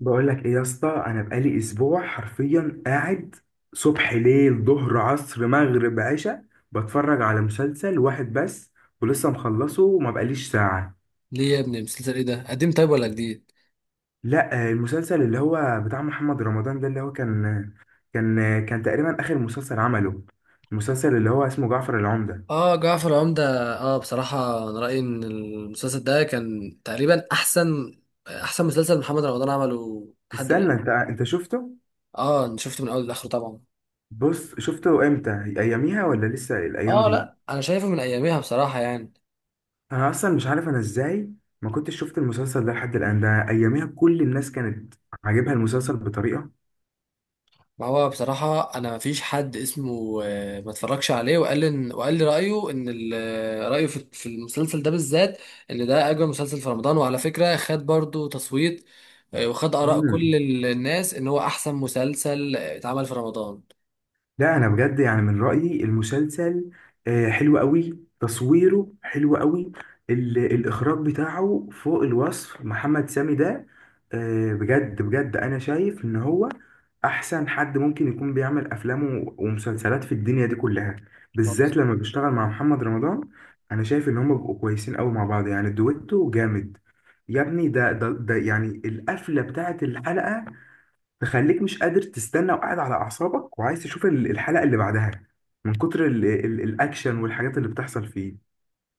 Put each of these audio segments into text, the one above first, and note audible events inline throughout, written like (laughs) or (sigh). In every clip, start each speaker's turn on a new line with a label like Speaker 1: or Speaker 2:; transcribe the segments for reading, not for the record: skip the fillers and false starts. Speaker 1: بقول لك ايه يا اسطى، انا بقالي اسبوع حرفيا قاعد صبح، ليل، ظهر، عصر، مغرب، عشاء، بتفرج على مسلسل واحد بس ولسه مخلصه وما بقاليش ساعة.
Speaker 2: ليه يا ابني، مسلسل ايه ده؟ قديم طيب ولا جديد؟
Speaker 1: لا، المسلسل اللي هو بتاع محمد رمضان ده، اللي هو كان تقريبا اخر مسلسل عمله. المسلسل اللي هو اسمه جعفر العمدة.
Speaker 2: اه، جعفر العمدة. اه، بصراحة انا رأيي ان المسلسل ده كان تقريبا احسن مسلسل محمد رمضان عمله لحد الآن.
Speaker 1: استنى، انت شفته؟
Speaker 2: اه، انا شفته من اول لاخره طبعا.
Speaker 1: بص، شفته امتى؟ اياميها ولا لسه الايام
Speaker 2: اه،
Speaker 1: دي؟
Speaker 2: لا، انا شايفه من اياميها بصراحة يعني.
Speaker 1: انا اصلا مش عارف انا ازاي ما كنتش شفت المسلسل ده لحد الان. ده اياميها كل الناس كانت عاجبها المسلسل بطريقه.
Speaker 2: ما هو بصراحة أنا مفيش حد اسمه ما اتفرجش عليه وقال لي إن، وقال لي رأيه إن رأيه في المسلسل ده بالذات، إن ده أجمل مسلسل في رمضان، وعلى فكرة خد برضو تصويت وخد آراء
Speaker 1: مم.
Speaker 2: كل الناس إن هو أحسن مسلسل اتعمل في رمضان.
Speaker 1: لا، انا بجد يعني من رايي المسلسل حلو قوي، تصويره حلو قوي. الاخراج بتاعه فوق الوصف. محمد سامي ده، بجد بجد، انا شايف ان هو احسن حد ممكن يكون بيعمل افلام ومسلسلات في الدنيا دي كلها، بالذات لما بيشتغل مع محمد رمضان. انا شايف ان هما بيبقوا كويسين قوي مع بعض، يعني دويتو جامد. يا ابني، ده يعني القفله بتاعت الحلقه تخليك مش قادر تستنى وقاعد على اعصابك وعايز تشوف الحلقه اللي بعدها، من كتر ال ال الاكشن والحاجات اللي بتحصل فيه.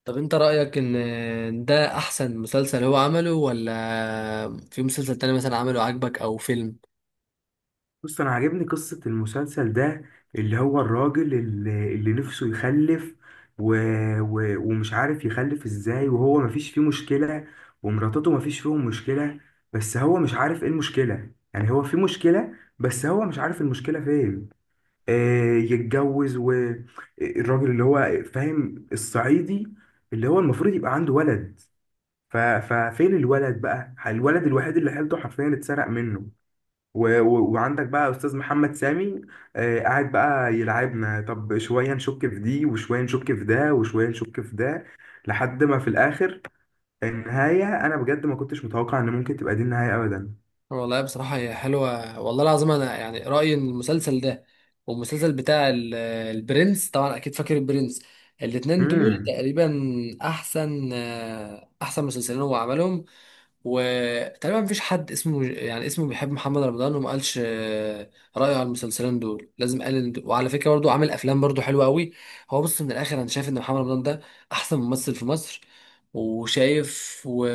Speaker 2: طب أنت رأيك إن ده أحسن مسلسل هو عمله، ولا في مسلسل تاني مثلا عمله عاجبك أو فيلم؟
Speaker 1: بص، انا عاجبني قصه المسلسل ده، اللي هو الراجل اللي نفسه يخلف، و و ومش عارف يخلف ازاي، وهو مفيش فيه مشكله، ومراتته مفيش فيهم مشكله، بس هو مش عارف ايه المشكله، يعني هو في مشكله بس هو مش عارف المشكله فين. آه، يتجوز، والراجل اللي هو فاهم الصعيدي، اللي هو المفروض يبقى عنده ولد، ففين الولد بقى؟ الولد الوحيد اللي حيلته حرفيا اتسرق منه. وعندك بقى استاذ محمد سامي، قاعد بقى يلعبنا، طب شويه نشك في دي، وشويه نشك في ده، وشويه نشك في ده، لحد ما في الاخر النهايه، انا بجد ما كنتش متوقع ان ممكن تبقى دي النهايه
Speaker 2: والله بصراحة هي حلوة، والله العظيم أنا يعني رأيي إن المسلسل ده والمسلسل بتاع البرنس، طبعا أكيد فاكر البرنس، الاتنين دول
Speaker 1: ابدا.
Speaker 2: تقريبا أحسن مسلسلين هو عملهم. وتقريبا مفيش حد اسمه يعني اسمه بيحب محمد رمضان وما قالش رأيه على المسلسلين دول، لازم قال. وعلى فكرة برضو عامل افلام برضو حلوة قوي. هو بص، من الاخر انا شايف ان محمد رمضان ده احسن ممثل في مصر، وشايف و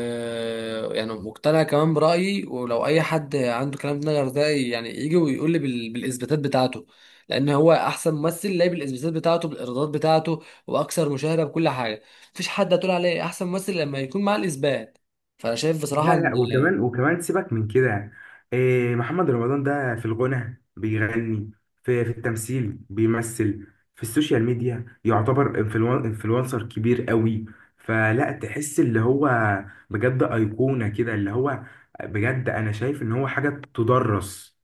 Speaker 2: يعني مقتنع كمان برأيي، ولو اي حد عنده كلام في نظر ده يعني يجي ويقول لي بالاثباتات بتاعته، لان هو احسن ممثل لاقي بالاثباتات بتاعته، بالايرادات بتاعته، واكثر مشاهدة بكل حاجة. مفيش حد هتقول عليه احسن ممثل لما يكون معاه الاثبات. فانا شايف بصراحه
Speaker 1: لا،
Speaker 2: ان.
Speaker 1: لا، وكمان سيبك من كده. إيه محمد رمضان ده؟ في الغنى بيغني، في التمثيل بيمثل، في السوشيال ميديا يعتبر انفلونسر كبير قوي، فلا تحس اللي هو بجد أيقونة كده، اللي هو بجد أنا شايف إن هو حاجة تدرس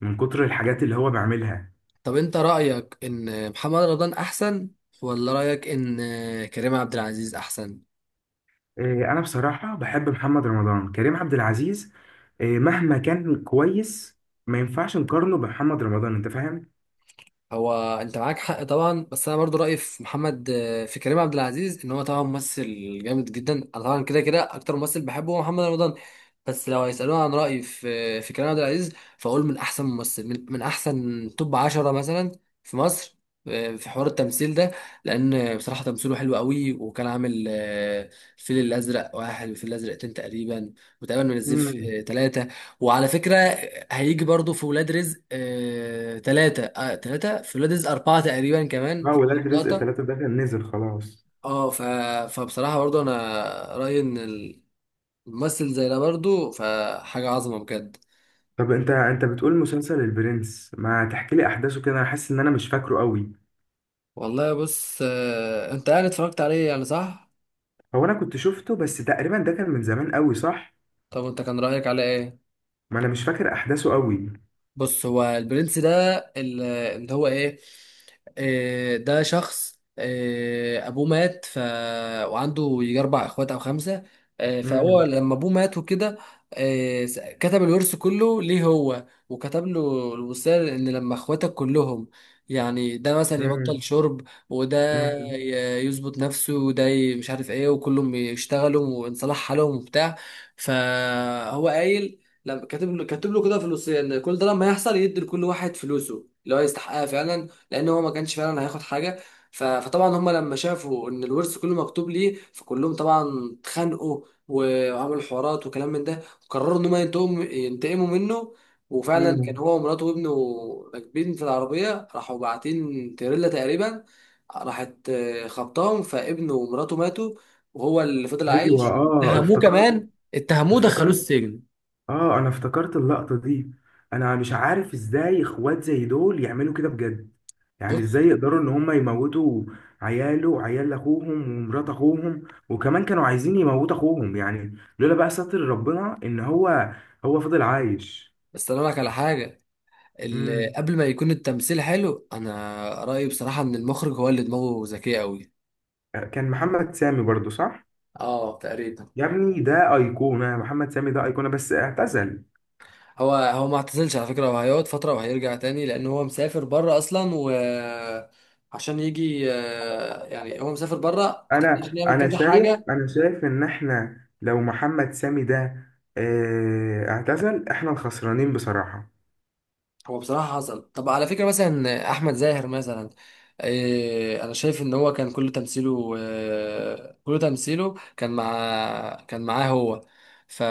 Speaker 1: من كتر الحاجات اللي هو بيعملها.
Speaker 2: طب انت رايك ان محمد رمضان احسن، ولا رايك ان كريم عبد العزيز احسن؟
Speaker 1: إيه، أنا بصراحة بحب محمد رمضان. كريم عبد العزيز إيه مهما كان كويس، ما ينفعش نقارنه بمحمد رمضان. أنت
Speaker 2: هو انت معاك حق طبعا، بس انا برضو رايي في كريم عبد العزيز ان هو طبعا ممثل جامد جدا. انا طبعا كده كده اكتر ممثل بحبه هو محمد رمضان، بس لو هيسالوني عن رايي في كريم عبد العزيز، فاقول من احسن توب 10 مثلا في مصر في حوار التمثيل ده، لان بصراحه تمثيله حلو قوي، وكان عامل الفيل الازرق واحد، والفيل الازرق اتنين تقريبا، وتقريبا من الزيف
Speaker 1: فاهم؟
Speaker 2: ثلاثة، وعلى فكرة هيجي برضو في ولاد رزق تلاتة، في ولاد رزق أربعة تقريبا كمان
Speaker 1: اه، ولاد رزق
Speaker 2: لقطة.
Speaker 1: ثلاثة ده كان نزل خلاص.
Speaker 2: اه ف... فبصراحة برضو أنا رأيي إن الممثل زي ده برضو فحاجة عظمة بجد.
Speaker 1: طب، انت بتقول مسلسل البرنس؟ ما تحكي لي احداثه كده، انا حاسس ان انا مش فاكره قوي.
Speaker 2: والله بص، أنت يعني اتفرجت عليه يعني، صح؟
Speaker 1: هو انا كنت شفته، بس تقريبا ده كان من زمان قوي، صح.
Speaker 2: طب أنت كان رأيك عليه إيه؟
Speaker 1: ما انا مش فاكر احداثه قوي.
Speaker 2: بص، هو البرنس ده اللي هو ايه، ده شخص ابوه مات، وعنده يجي اربع اخوات او خمسه. فهو
Speaker 1: امم،
Speaker 2: لما ابوه مات وكده كتب الورث كله ليه هو، وكتب له الوصيه ان لما اخواتك كلهم، يعني ده مثلا يبطل
Speaker 1: امم،
Speaker 2: شرب، وده
Speaker 1: امم،
Speaker 2: يظبط نفسه، وده مش عارف ايه، وكلهم يشتغلوا، وان صلاح حالهم وبتاع، فهو قايل لما كاتب له كده فلوسيا، ان كل ده لما يحصل يدي لكل واحد فلوسه اللي هو يستحقها فعلا، لان هو ما كانش فعلا هياخد حاجه. فطبعا هم لما شافوا ان الورث كله مكتوب ليه، فكلهم طبعا اتخانقوا، وعملوا حوارات وكلام من ده، وقرروا ان هم ينتقموا منه، وفعلا كان
Speaker 1: امم.
Speaker 2: هو ومراته وابنه راكبين في العربيه، راحوا باعتين تريلا تقريبا، راحت خبطاهم، فابنه ومراته ماتوا، وهو اللي فضل
Speaker 1: ايوه،
Speaker 2: عايش،
Speaker 1: اه
Speaker 2: واتهموه
Speaker 1: افتكرت،
Speaker 2: كمان، اتهموه دخلوه
Speaker 1: افتكرت.
Speaker 2: السجن.
Speaker 1: اه، انا افتكرت اللقطة دي. انا مش عارف ازاي اخوات زي دول يعملوا كده بجد، يعني ازاي
Speaker 2: بص،
Speaker 1: يقدروا ان هم يموتوا عياله وعيال اخوهم ومرات اخوهم، وكمان كانوا عايزين يموتوا اخوهم، يعني لولا بقى ستر ربنا ان هو هو فضل عايش.
Speaker 2: بس انا لك على حاجه، اللي
Speaker 1: امم.
Speaker 2: قبل ما يكون التمثيل حلو، انا رايي بصراحه ان المخرج هو اللي دماغه ذكيه قوي.
Speaker 1: كان محمد سامي برضو، صح؟
Speaker 2: اه تقريبا.
Speaker 1: يا ابني، ده ايقونة محمد سامي، ده ايقونة، بس اعتزل.
Speaker 2: هو ما اعتزلش على فكره، هو هيقعد فتره وهيرجع تاني، لان هو مسافر بره اصلا و عشان يجي، يعني هو مسافر بره
Speaker 1: انا
Speaker 2: عشان يعمل
Speaker 1: انا
Speaker 2: كذا
Speaker 1: شايف
Speaker 2: حاجه.
Speaker 1: انا شايف ان احنا لو محمد سامي ده اعتزل، احنا الخسرانين بصراحة.
Speaker 2: هو بصراحة حصل. طب على فكرة مثلا أحمد زاهر مثلا، إيه، أنا شايف إن هو كان كل تمثيله كان معاه هو. ف...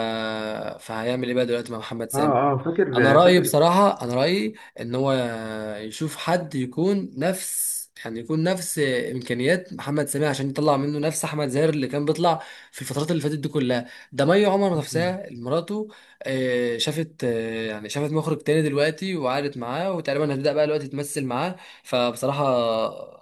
Speaker 2: فهيعمل إيه بقى دلوقتي مع محمد سامي؟
Speaker 1: اه، اه،
Speaker 2: انا
Speaker 1: فاكر،
Speaker 2: رايي
Speaker 1: فاكر.
Speaker 2: بصراحه انا رايي ان هو يشوف حد يكون نفس يعني يكون نفس امكانيات محمد سامي، عشان يطلع منه نفس احمد زاهر اللي كان بيطلع في الفترات اللي فاتت دي كلها. ده مي عمر نفسها مراته شافت، يعني شافت مخرج تاني دلوقتي وقعدت معاه، وتقريبا هتبدا بقى دلوقتي تمثل معاه. فبصراحه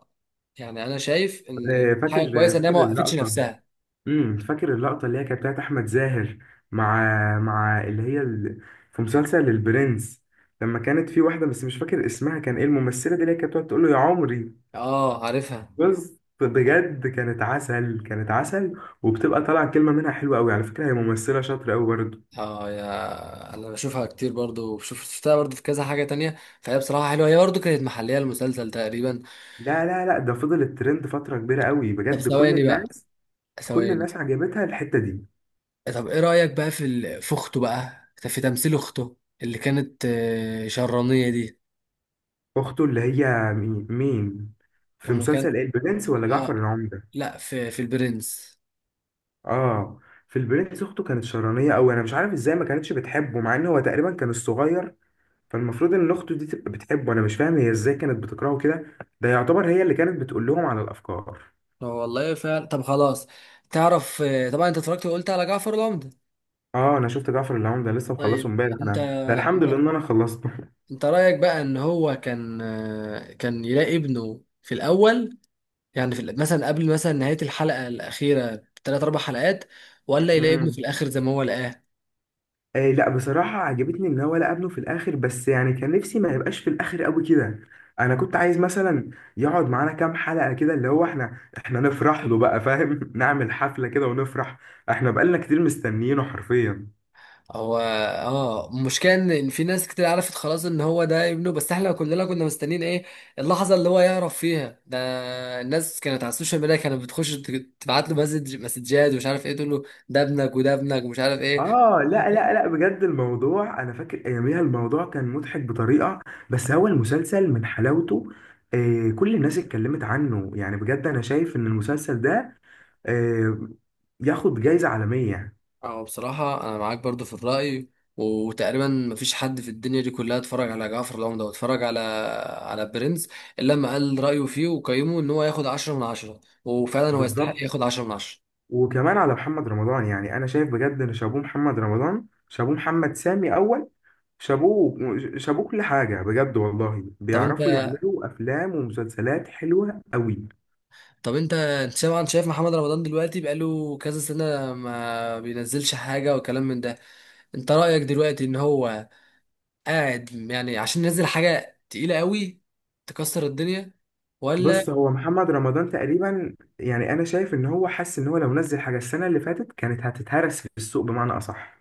Speaker 2: يعني انا شايف ان
Speaker 1: فاكر،
Speaker 2: حاجه كويسه ان هي ما
Speaker 1: فاكر
Speaker 2: وقفتش
Speaker 1: اللقطة.
Speaker 2: نفسها.
Speaker 1: امم، فاكر اللقطة اللي هي كانت بتاعت أحمد زاهر، مع اللي هي في مسلسل البرنس، لما كانت في واحدة بس مش فاكر اسمها كان ايه الممثلة دي، اللي هي كانت بتقعد تقول له يا عمري.
Speaker 2: اه عارفها.
Speaker 1: بس بجد كانت عسل، كانت عسل، وبتبقى طالعة كلمة منها حلوة قوي، على فكرة هي ممثلة شاطرة قوي برضه.
Speaker 2: اه، يا انا بشوفها كتير برضو، بشوف شفتها برضو في كذا حاجة تانية، فهي بصراحة حلوة، هي برضو كانت محلية المسلسل تقريبا.
Speaker 1: لا، لا، لا، ده فضل الترند فترة كبيرة قوي،
Speaker 2: طب
Speaker 1: بجد كل
Speaker 2: ثواني بقى،
Speaker 1: الناس، كل
Speaker 2: ثواني.
Speaker 1: الناس عجبتها الحتة دي.
Speaker 2: طب ايه رأيك بقى في في اخته، بقى في تمثيل اخته اللي كانت شرانية دي؟
Speaker 1: أخته اللي هي مين، مين؟ في
Speaker 2: هم كان،
Speaker 1: مسلسل ايه، البرنس ولا جعفر
Speaker 2: اه
Speaker 1: العمدة؟
Speaker 2: لا، في البرنس.
Speaker 1: اه، في البرنس اخته كانت شرانيه قوي، انا مش عارف ازاي ما كانتش بتحبه مع ان هو تقريبا كان الصغير، فالمفروض ان اخته دي تبقى بتحبه، انا مش فاهم هي ازاي كانت بتكرهه كده، ده يعتبر هي اللي كانت بتقول لهم على الافكار.
Speaker 2: والله فعلا. طب خلاص، تعرف، طبعا انت اتفرجت وقلت على جعفر العمدة.
Speaker 1: اه، انا شفت جعفر العمدة لسه مخلصه
Speaker 2: طيب
Speaker 1: امبارح
Speaker 2: انت،
Speaker 1: انا، ده الحمد لله
Speaker 2: انت
Speaker 1: ان انا خلصته (laughs)
Speaker 2: انت رأيك بقى ان هو كان، كان يلاقي ابنه في الاول، يعني في مثلا قبل مثلا نهاية الحلقة الأخيرة بثلاث أربع حلقات، ولا يلاقي ابنه في
Speaker 1: امم.
Speaker 2: الآخر زي ما هو لقاه؟
Speaker 1: آه، لا بصراحة عجبتني إن هو لقى ابنه في الآخر، بس يعني كان نفسي ما يبقاش في الآخر أوي كده. أنا كنت عايز مثلا يقعد معانا كام حلقة كده اللي هو إحنا نفرح له بقى، فاهم؟ (laughs) نعمل حفلة كده ونفرح. إحنا بقالنا كتير مستنيينه حرفيا.
Speaker 2: هو اه، المشكلة إن في ناس كتير عرفت خلاص إن هو ده ابنه، بس إحنا كلنا كنا مستنيين إيه، اللحظة اللي هو يعرف فيها ده. الناس كانت على السوشيال ميديا كانت بتخش تبعت له مسج، مسجات، ومش عارف إيه، تقول له ده ابنك وده ابنك ومش عارف إيه.
Speaker 1: آه، لا، لا، لا، بجد الموضوع، أنا فاكر أياميها الموضوع كان مضحك بطريقة، بس هو المسلسل من حلاوته، كل الناس اتكلمت عنه يعني. بجد أنا شايف إن المسلسل ده آه ياخد جايزة عالمية.
Speaker 2: اه بصراحة أنا معاك برضو في الرأي. وتقريبا مفيش حد في الدنيا دي كلها اتفرج على جعفر العمدة واتفرج على على برنس إلا لما قال رأيه فيه وقيمه إن هو ياخد 10/10، وفعلا هو يستحق
Speaker 1: بالظبط.
Speaker 2: ياخد 10/10.
Speaker 1: وكمان على محمد رمضان، يعني انا شايف بجد ان شابوه محمد رمضان، شابوه محمد سامي اول، شابوه، شابوه كل حاجه، بجد والله
Speaker 2: طب
Speaker 1: بيعرفوا
Speaker 2: أنت
Speaker 1: يعملوا افلام ومسلسلات حلوه قوي.
Speaker 2: طب أنت طبعا شايف محمد رمضان دلوقتي بقاله كذا سنة ما بينزلش حاجة وكلام من ده. أنت رأيك دلوقتي إن هو قاعد يعني عشان ينزل حاجة تقيلة قوي تكسر الدنيا، ولا؟
Speaker 1: بص، هو محمد رمضان تقريبا يعني انا شايف ان هو حس ان هو لو نزل حاجه السنه اللي فاتت كانت هتتهرس في السوق بمعنى اصح.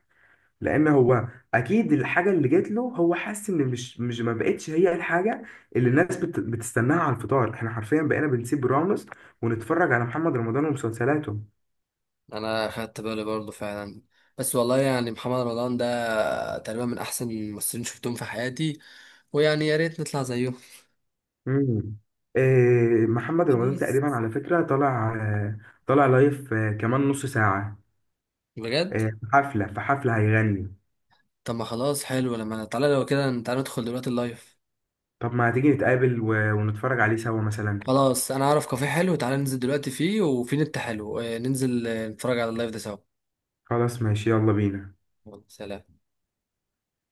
Speaker 1: لان هو اكيد الحاجه اللي جات له، هو حاسس ان مش ما بقتش هي الحاجه اللي الناس بتستناها على الفطار. احنا حرفيا بقينا بنسيب رامز ونتفرج على محمد رمضان ومسلسلاته.
Speaker 2: انا خدت بالي برضه فعلا، بس والله يعني محمد رمضان ده تقريبا من احسن الممثلين شفتهم في حياتي، ويعني يا ريت نطلع زيه.
Speaker 1: امم. إيه، محمد رمضان
Speaker 2: خلاص.
Speaker 1: تقريبا على فكره طالع، طالع لايف كمان نص ساعه.
Speaker 2: بجد.
Speaker 1: في حفله، في حفله هيغني.
Speaker 2: طب ما خلاص حلو، لما تعالى لو كده تعالى ندخل دلوقتي اللايف.
Speaker 1: طب، ما هتيجي نتقابل ونتفرج عليه سوا مثلا؟
Speaker 2: خلاص انا اعرف كافيه حلو، تعالى ننزل دلوقتي فيه، وفي نت حلو، ننزل نتفرج على اللايف ده سوا.
Speaker 1: خلاص، ماشي، يلا بينا.
Speaker 2: يلا، سلام.